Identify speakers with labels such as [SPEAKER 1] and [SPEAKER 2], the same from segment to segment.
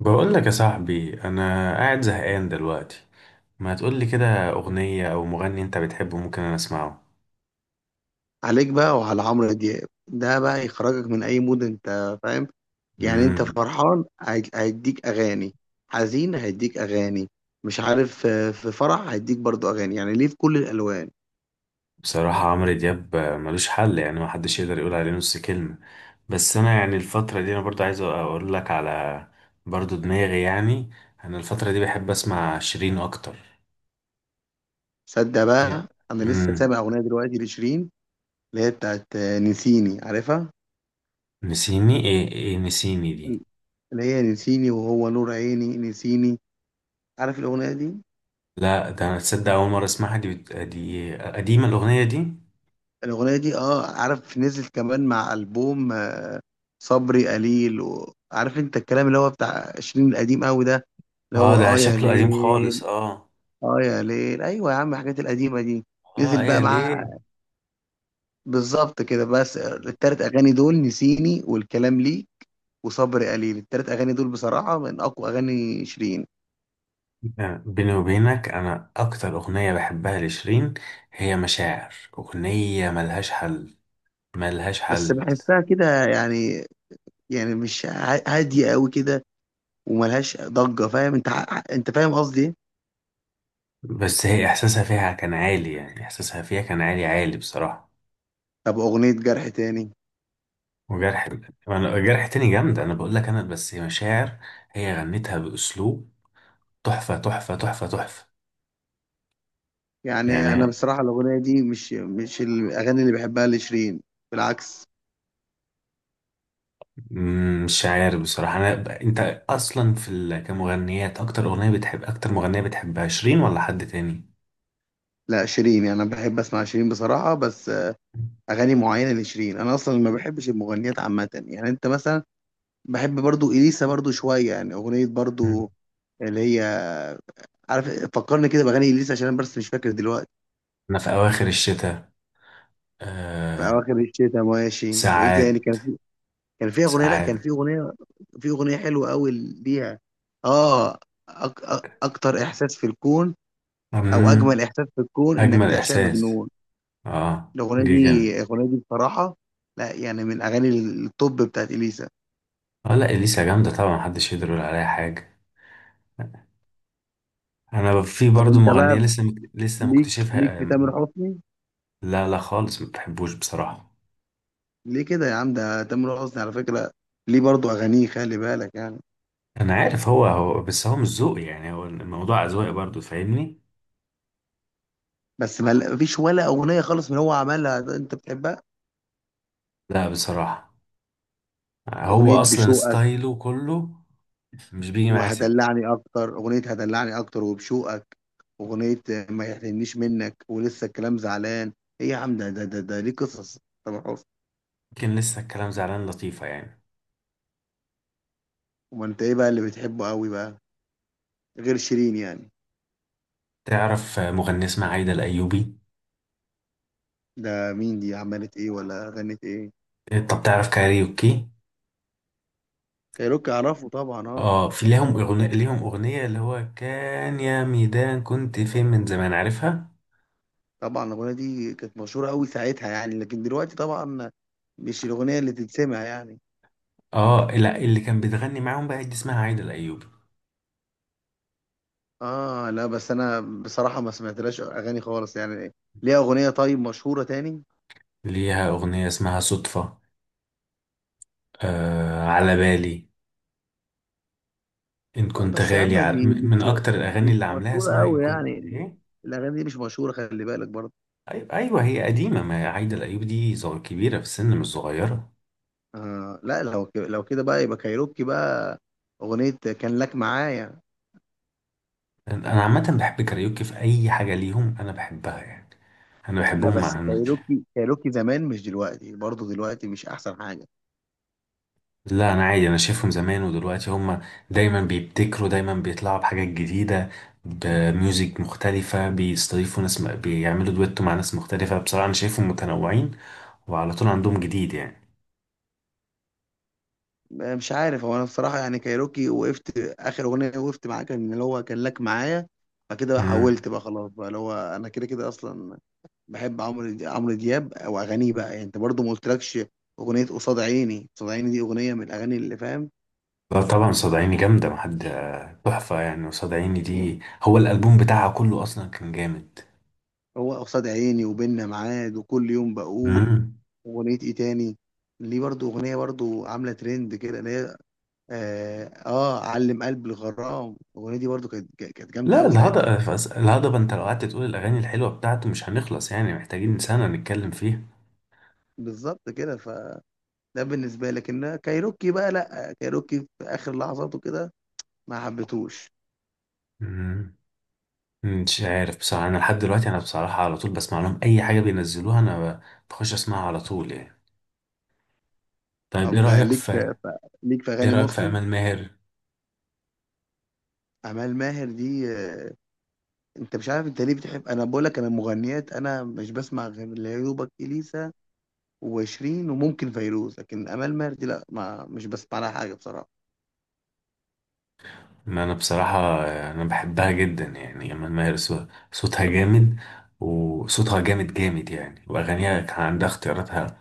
[SPEAKER 1] بقول لك يا صاحبي انا قاعد زهقان دلوقتي. ما تقول لي كده اغنيه او مغني انت بتحبه؟ ممكن انا اسمعه.
[SPEAKER 2] عليك بقى وعلى عمرو دياب، ده بقى يخرجك من اي مود، انت فاهم؟ يعني انت
[SPEAKER 1] امم.
[SPEAKER 2] فرحان هيديك اغاني، حزين هيديك اغاني، مش عارف. في فرح هيديك برضو اغاني، يعني ليه في كل الالوان.
[SPEAKER 1] بصراحه عمرو دياب ملوش حل، يعني ما حدش يقدر يقول عليه نص كلمه. بس انا يعني الفتره دي انا برضو عايز اقول لك على برضو دماغي يعني. انا الفتره دي بحب اسمع شيرين اكتر.
[SPEAKER 2] صدق بقى، انا لسه
[SPEAKER 1] امم.
[SPEAKER 2] سامع اغنيه دلوقتي لشيرين، اللي هي بتاعت نسيني، عارفها؟
[SPEAKER 1] نسيني ايه؟ ايه نسيني دي؟
[SPEAKER 2] اللي هي نسيني وهو نور عيني نسيني، عارف الاغنيه دي؟
[SPEAKER 1] لا، ده انا تصدق اول مره اسمعها دي. دي قديمه الاغنيه دي.
[SPEAKER 2] الاغنيه دي اه، عارف، نزلت كمان مع البوم صبري قليل، وعارف انت الكلام اللي هو بتاع شيرين القديم قوي ده، اللي
[SPEAKER 1] اه،
[SPEAKER 2] هو
[SPEAKER 1] ده
[SPEAKER 2] اه يا
[SPEAKER 1] شكله قديم خالص،
[SPEAKER 2] ليل؟
[SPEAKER 1] اه.
[SPEAKER 2] اه يا ليل، ايوه يا عم الحاجات القديمه دي،
[SPEAKER 1] اه،
[SPEAKER 2] نزل بقى
[SPEAKER 1] هي
[SPEAKER 2] معاه
[SPEAKER 1] ليه.
[SPEAKER 2] بالظبط كده. بس التلات اغاني دول، نسيني والكلام لي وصبر قليل، التلات اغاني دول بصراحه من اقوى اغاني شيرين.
[SPEAKER 1] بيني وبينك انا اكتر اغنيه بحبها لشيرين هي مشاعر، اغنيه ملهاش حل، ملهاش
[SPEAKER 2] بس
[SPEAKER 1] حل.
[SPEAKER 2] بحسها كده، يعني، يعني مش ع- هاديه قوي كده وملهاش ضجه، فاهم انت انت فاهم قصدي إيه؟
[SPEAKER 1] بس هي احساسها فيها كان عالي، يعني احساسها فيها كان عالي عالي بصراحه.
[SPEAKER 2] طب اغنيه جرح تاني؟
[SPEAKER 1] وجرح. انا جرح تاني جامده، انا بقول لك، انا بس مشاعر. هي غنتها باسلوب تحفه، تحفه، تحفه، تحفه
[SPEAKER 2] يعني انا
[SPEAKER 1] يعني.
[SPEAKER 2] بصراحه الاغنيه دي مش الاغاني اللي بحبها لشيرين، بالعكس.
[SPEAKER 1] مش عارف بصراحه. انا انت اصلا في كمغنيات، اكتر اغنيه بتحب، اكتر مغنيه بتحبها شيرين ولا حد تاني؟
[SPEAKER 2] لا شيرين يعني انا بحب اسمع شيرين بصراحه، بس اغاني معينه لشيرين. انا اصلا ما بحبش المغنيات عامه، يعني انت مثلا بحب برضو اليسا، برضو شويه، يعني اغنيه
[SPEAKER 1] مم.
[SPEAKER 2] برضو اللي هي، عارف، فكرني كده باغاني اليسا، عشان انا بس مش فاكر دلوقتي.
[SPEAKER 1] أنا في أواخر الشتاء.
[SPEAKER 2] في
[SPEAKER 1] آه.
[SPEAKER 2] اواخر الشتاء، ماشي، وايه تاني
[SPEAKER 1] ساعات.
[SPEAKER 2] كان في؟ كان في اغنيه لا
[SPEAKER 1] ساعات.
[SPEAKER 2] كان في اغنيه، في اغنيه حلوه قوي ليها، اه، اكتر احساس في الكون، او اجمل
[SPEAKER 1] مم.
[SPEAKER 2] احساس في الكون انك
[SPEAKER 1] أجمل
[SPEAKER 2] تعشق
[SPEAKER 1] إحساس.
[SPEAKER 2] بجنون.
[SPEAKER 1] آه دي جامد.
[SPEAKER 2] الاغنيه دي بصراحه، لا يعني، من اغاني التوب بتاعت اليسا.
[SPEAKER 1] آه، لا، إليسا جامدة طبعا، محدش يقدر يقول عليها حاجة. أنا في
[SPEAKER 2] طب
[SPEAKER 1] برضو
[SPEAKER 2] انت
[SPEAKER 1] مغنية
[SPEAKER 2] بقى،
[SPEAKER 1] لسه لسه
[SPEAKER 2] ليك
[SPEAKER 1] مكتشفها.
[SPEAKER 2] في تامر حسني؟
[SPEAKER 1] لا لا خالص، ما بحبوش بصراحة.
[SPEAKER 2] ليه كده يا عم؟ ده تامر حسني على فكرة، ليه برضو أغانيه، خلي بالك يعني.
[SPEAKER 1] أنا عارف، هو بس هو مش ذوقي، يعني هو الموضوع أذواق برضو، فاهمني.
[SPEAKER 2] بس ما مفيش ولا أغنية خالص من هو عملها ده أنت بتحبها؟
[SPEAKER 1] لا، بصراحة. هو
[SPEAKER 2] أغنية
[SPEAKER 1] أصلا
[SPEAKER 2] بشوقك
[SPEAKER 1] ستايله كله مش بيجي معاه سكة.
[SPEAKER 2] وهدلعني، أكتر أغنية هدلعني أكتر وبشوقك، أغنية ما يحرمنيش منك ولسه الكلام زعلان، إيه يا عم ده؟ ده ليه قصص، تامر حسني.
[SPEAKER 1] يمكن لسه الكلام زعلان لطيفة يعني.
[SPEAKER 2] وما أنت إيه بقى اللي بتحبه قوي بقى غير شيرين يعني؟
[SPEAKER 1] تعرف مغنية اسمها عايدة الأيوبي؟
[SPEAKER 2] ده مين دي؟ عملت إيه ولا غنت إيه؟
[SPEAKER 1] طب تعرف كاريوكي؟
[SPEAKER 2] كايروكي أعرفه طبعا، أه.
[SPEAKER 1] اه، في ليهم أغنية اللي هو كان يا ميدان كنت فين من زمان، عارفها؟
[SPEAKER 2] طبعا الأغنية دي كانت مشهورة أوي ساعتها يعني، لكن دلوقتي طبعا مش الأغنية اللي تتسمع يعني.
[SPEAKER 1] اه، لا، اللي كان بتغني معاهم بقى دي اسمها عايدة الأيوبي.
[SPEAKER 2] آه لا، بس أنا بصراحة ما سمعتلاش أغاني خالص يعني ليها. أغنية طيب مشهورة تاني؟
[SPEAKER 1] ليها أغنية اسمها صدفة، آه على بالي، إن
[SPEAKER 2] آه
[SPEAKER 1] كنت
[SPEAKER 2] بس يا
[SPEAKER 1] غالي
[SPEAKER 2] عم دي
[SPEAKER 1] من أكتر الأغاني
[SPEAKER 2] مش
[SPEAKER 1] اللي عاملاها
[SPEAKER 2] مشهورة
[SPEAKER 1] اسمها إن
[SPEAKER 2] أوي
[SPEAKER 1] كنت
[SPEAKER 2] يعني،
[SPEAKER 1] إيه.
[SPEAKER 2] الأغاني دي مش مشهورة، خلي بالك برضه.
[SPEAKER 1] أيوة, أيوة، هي قديمة، ما عايدة الأيوبي دي كبيرة في السن مش صغيرة.
[SPEAKER 2] آه لا، لو كده بقى يبقى كايروكي بقى، أغنية كان لك معايا.
[SPEAKER 1] أنا عامة بحب كاريوكي، في أي حاجة ليهم أنا بحبها يعني. انا
[SPEAKER 2] لا
[SPEAKER 1] بحبهم
[SPEAKER 2] بس
[SPEAKER 1] مع.
[SPEAKER 2] كايروكي زمان مش دلوقتي، برضه دلوقتي مش أحسن حاجة.
[SPEAKER 1] لا انا عادي، انا شايفهم زمان ودلوقتي هم دايما بيبتكروا، دايما بيطلعوا بحاجات جديده، بميوزك مختلفه، بيستضيفوا ناس، بيعملوا دويتو مع ناس مختلفه، بصراحه انا شايفهم متنوعين، وعلى طول عندهم جديد يعني.
[SPEAKER 2] مش عارف، هو انا بصراحه يعني كايروكي وقفت، اخر اغنيه وقفت معاه كان اللي هو كان لك معايا، فكده بقى
[SPEAKER 1] امم.
[SPEAKER 2] حولت بقى خلاص بقى، اللي هو انا كده كده اصلا بحب عمرو دياب او اغانيه بقى يعني. انت برضو ما قلتلكش، اغنيه قصاد عيني، قصاد عيني دي اغنيه من الاغاني اللي فاهم،
[SPEAKER 1] لا طبعا، صدعيني جامده، محد تحفه يعني، وصدعيني دي هو الالبوم بتاعها كله اصلا كان جامد.
[SPEAKER 2] هو قصاد عيني وبيننا ميعاد وكل يوم بقول.
[SPEAKER 1] امم.
[SPEAKER 2] اغنيه ايه تاني ليه برضو، اغنيه برضو عامله ترند كده اللي هي اه, آه علم قلب الغرام، الاغنيه دي برضو كانت جامده
[SPEAKER 1] لا،
[SPEAKER 2] قوي ساعتها.
[SPEAKER 1] الهضبه الهضبه، انت لو قعدت تقول الاغاني الحلوه بتاعته مش هنخلص يعني، محتاجين سنه نتكلم فيها.
[SPEAKER 2] بالظبط كده ف، ده بالنسبة لك ان كايروكي بقى، لا كايروكي في آخر لحظاته كده ما حبيتهوش.
[SPEAKER 1] مم. مش عارف بصراحة، أنا لحد دلوقتي أنا بصراحة على طول بسمع لهم أي حاجة بينزلوها، بخش أسمعها على طول يعني. طيب إيه
[SPEAKER 2] طب
[SPEAKER 1] رأيك
[SPEAKER 2] ليك
[SPEAKER 1] في،
[SPEAKER 2] ف... ليك في
[SPEAKER 1] إيه
[SPEAKER 2] أغاني
[SPEAKER 1] رأيك في
[SPEAKER 2] مسلم؟
[SPEAKER 1] أمال ماهر؟
[SPEAKER 2] أمال ماهر دي، أنت مش عارف أنت ليه بتحب. أنا بقول لك أنا مغنيات، أنا مش بسمع غير ليوبك إليسا وشيرين وممكن فيروز، لكن أمال ماهر دي لا، ما مش بسمع لها حاجة بصراحة.
[SPEAKER 1] ما أنا بصراحة أنا بحبها جدا يعني، أمال ماهر صوتها جامد، وصوتها جامد جامد يعني، وأغانيها كان عندها اختياراتها،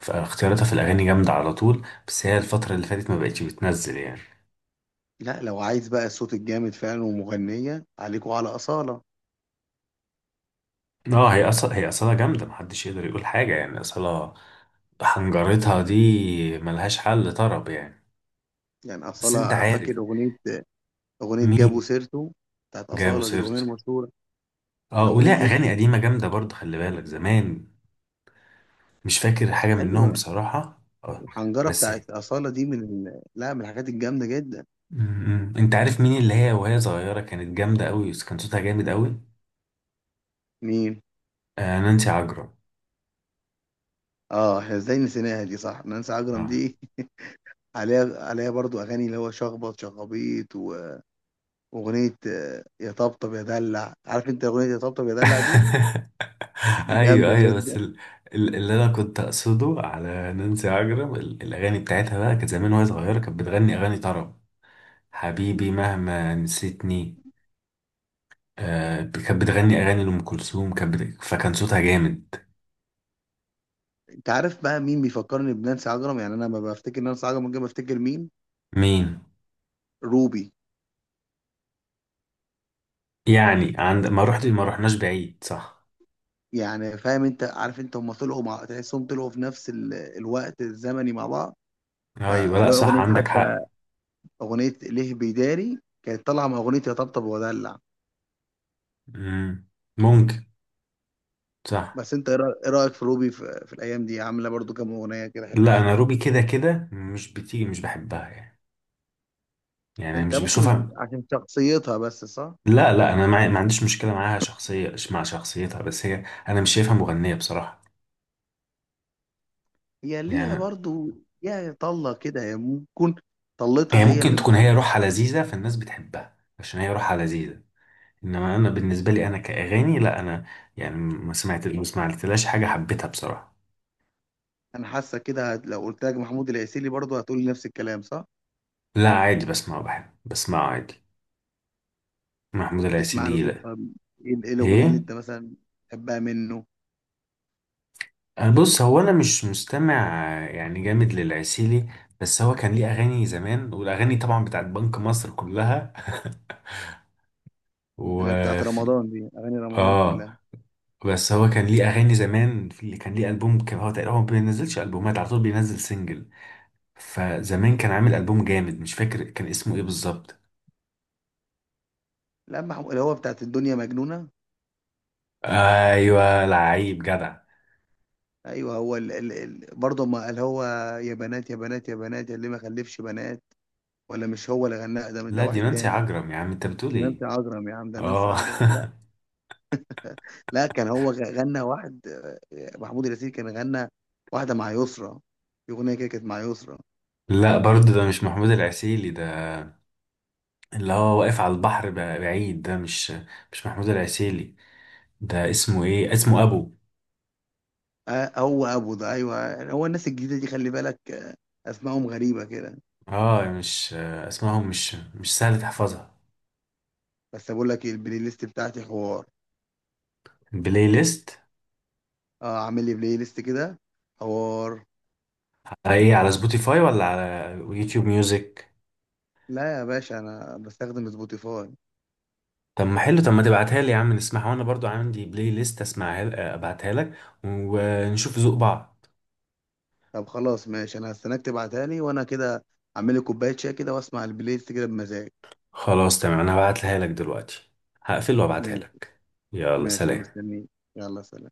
[SPEAKER 1] فاختياراتها في الأغاني جامدة على طول، بس هي الفترة اللي فاتت ما بقتش بتنزل يعني.
[SPEAKER 2] لا لو عايز بقى الصوت الجامد فعلا ومغنية، عليكوا على أصالة.
[SPEAKER 1] اه، هي أصلا جامدة، محدش يقدر يقول حاجة يعني أصلا، حنجرتها دي ملهاش حل طرب يعني.
[SPEAKER 2] يعني
[SPEAKER 1] بس انت
[SPEAKER 2] أصالة، فاكر
[SPEAKER 1] عارف؟
[SPEAKER 2] أغنية؟ أغنية
[SPEAKER 1] مين؟
[SPEAKER 2] جابوا سيرته بتاعت
[SPEAKER 1] جابوا
[SPEAKER 2] أصالة دي، الأغنية
[SPEAKER 1] سيرته؟
[SPEAKER 2] المشهورة
[SPEAKER 1] اه،
[SPEAKER 2] الأغنية
[SPEAKER 1] ولا
[SPEAKER 2] دي.
[SPEAKER 1] اغاني قديمه جامده برضه، خلي بالك زمان. مش فاكر حاجه منهم
[SPEAKER 2] أيوه
[SPEAKER 1] بصراحه، اه.
[SPEAKER 2] الحنجرة
[SPEAKER 1] بس.
[SPEAKER 2] بتاعت أصالة دي من لا من الحاجات الجامدة جدا.
[SPEAKER 1] م- م. انت عارف مين اللي هي وهي صغيره كانت جامده قوي، كان صوتها جامد قوي؟
[SPEAKER 2] مين؟
[SPEAKER 1] آه نانسي عجرم.
[SPEAKER 2] اه احنا ازاي نسيناها دي، صح، نانسي عجرم
[SPEAKER 1] آه.
[SPEAKER 2] دي. عليها برضو اغاني اللي هو شخبط شخابيط، واغنيه يا طبطب يا دلع. عارف انت اغنيه يا طبطب يا دلع دي؟
[SPEAKER 1] ايوه،
[SPEAKER 2] جامده
[SPEAKER 1] ايوه
[SPEAKER 2] جدا.
[SPEAKER 1] بس اللي انا كنت اقصده على نانسي عجرم، الاغاني بتاعتها بقى كانت زمان وهي صغيره، كانت بتغني اغاني طرب. حبيبي مهما نسيتني. آه كانت بتغني اغاني لام كلثوم، فكان صوتها جامد.
[SPEAKER 2] انت عارف بقى مين بيفكرني بنانسي عجرم؟ يعني انا ما بفتكر نانسي عجرم، ممكن بفتكر مين؟
[SPEAKER 1] مين؟
[SPEAKER 2] روبي.
[SPEAKER 1] يعني عند ما رحت، ما رحناش بعيد، صح.
[SPEAKER 2] يعني فاهم، انت عارف، انت هم طلعوا مع، تحسهم طلعوا في نفس الوقت الزمني مع بعض.
[SPEAKER 1] ايوه، لا
[SPEAKER 2] فلو
[SPEAKER 1] صح،
[SPEAKER 2] اغنيه
[SPEAKER 1] عندك
[SPEAKER 2] حتى،
[SPEAKER 1] حق.
[SPEAKER 2] اغنيه ليه بيداري كانت طالعه مع اغنيه يا طبطب ودلع.
[SPEAKER 1] مم. ممكن. صح.
[SPEAKER 2] بس انت ايه إيه رايك في روبي في, في الايام دي؟ عامله برضو كام اغنيه كده
[SPEAKER 1] لا
[SPEAKER 2] حلوين
[SPEAKER 1] انا
[SPEAKER 2] يعني.
[SPEAKER 1] روبي كده كده مش بتيجي، مش بحبها يعني، يعني أنا
[SPEAKER 2] انت
[SPEAKER 1] مش
[SPEAKER 2] ممكن مش
[SPEAKER 1] بشوفها.
[SPEAKER 2] عشان شخصيتها بس، صح؟
[SPEAKER 1] لا لا، ما عنديش مشكله معاها شخصيه، مع شخصيتها، بس هي انا مش شايفها مغنيه بصراحه،
[SPEAKER 2] هي ليها
[SPEAKER 1] يعني.
[SPEAKER 2] برضو يا طله كده، هي ممكن
[SPEAKER 1] هي
[SPEAKER 2] طلتها هي
[SPEAKER 1] ممكن
[SPEAKER 2] اللي
[SPEAKER 1] تكون، هي
[SPEAKER 2] مخليها.
[SPEAKER 1] روحها لذيذه، فالناس بتحبها عشان هي روحها لذيذه. انما انا بالنسبه لي انا كاغاني، لا انا يعني ما سمعتلهاش حاجه حبيتها بصراحه.
[SPEAKER 2] انا حاسه كده لو قلت لك محمود العسيلي برضو هتقولي نفس الكلام، صح؟
[SPEAKER 1] لا عادي، بسمع، بحب بسمع عادي. محمود
[SPEAKER 2] تسمع له
[SPEAKER 1] العسيلي
[SPEAKER 2] ايه
[SPEAKER 1] لا.
[SPEAKER 2] طب، ايه إيه الاغنيه اللي
[SPEAKER 1] ايه.
[SPEAKER 2] انت مثلا بتحبها منه؟
[SPEAKER 1] أه بص، هو انا مش مستمع يعني جامد للعسيلي. بس هو كان ليه اغاني زمان، والاغاني طبعا بتاعت بنك مصر كلها.
[SPEAKER 2] اللي هي بتاعت
[SPEAKER 1] وفي.
[SPEAKER 2] رمضان دي، اغاني رمضان
[SPEAKER 1] اه،
[SPEAKER 2] كلها.
[SPEAKER 1] بس هو كان ليه اغاني زمان، في كان ليه البوم، كان هو تقريبا هو ما بينزلش البومات على طول، بينزل سنجل، فزمان كان عامل البوم جامد مش فاكر كان اسمه ايه بالظبط.
[SPEAKER 2] لا محمود اللي هو بتاعت الدنيا مجنونه.
[SPEAKER 1] ايوه، لعيب جدع.
[SPEAKER 2] ايوه هو برضه ما قال هو، يا بنات يا بنات يا بنات يا اللي ما خلفش بنات. ولا مش هو اللي غناها؟ ده
[SPEAKER 1] لا دي
[SPEAKER 2] واحد
[SPEAKER 1] نانسي
[SPEAKER 2] تاني؟
[SPEAKER 1] عجرم يا عم، انت بتقول
[SPEAKER 2] دي نانسي
[SPEAKER 1] ايه؟
[SPEAKER 2] عجرم يا عم، ده نانسي
[SPEAKER 1] اه.
[SPEAKER 2] عجرم، لا. لا كان هو غنى واحد، محمود اليسير كان غنى واحده مع يسرا، في اغنيه كده كانت مع يسرا.
[SPEAKER 1] لا برضه، ده مش محمود العسيلي، ده اللي هو واقف على البحر بعيد، ده مش، مش محمود العسيلي. ده اسمه ايه؟ اسمه ابو.
[SPEAKER 2] آه هو ابو ده، ايوه هو الناس الجديده دي خلي بالك، اسمائهم غريبه كده.
[SPEAKER 1] اه، مش اسمائهم، مش سهل تحفظها.
[SPEAKER 2] بس بقول لك إيه، البلاي ليست بتاعتي حوار.
[SPEAKER 1] بلاي ليست.
[SPEAKER 2] اه عامل لي بلاي ليست كده حوار.
[SPEAKER 1] على ايه؟ على سبوتيفاي ولا على يوتيوب ميوزك.
[SPEAKER 2] لا يا باشا انا بستخدم سبوتيفاي.
[SPEAKER 1] طب ما حلو، طب ما تبعتها لي يا عم نسمعها، وانا برضو عندي بلاي ليست اسمعها، ابعتها لك ونشوف ذوق بعض.
[SPEAKER 2] طب خلاص ماشي، انا هستناك تبعتها لي، وانا كده اعمل لي كوبايه شاي كده واسمع البلاي ليست كده بمزاج.
[SPEAKER 1] خلاص تمام، انا هبعتها لك دلوقتي، هقفل وابعتها
[SPEAKER 2] ماشي،
[SPEAKER 1] لك. يلا
[SPEAKER 2] ماشي انا
[SPEAKER 1] سلام.
[SPEAKER 2] مستنيك. يلا سلام.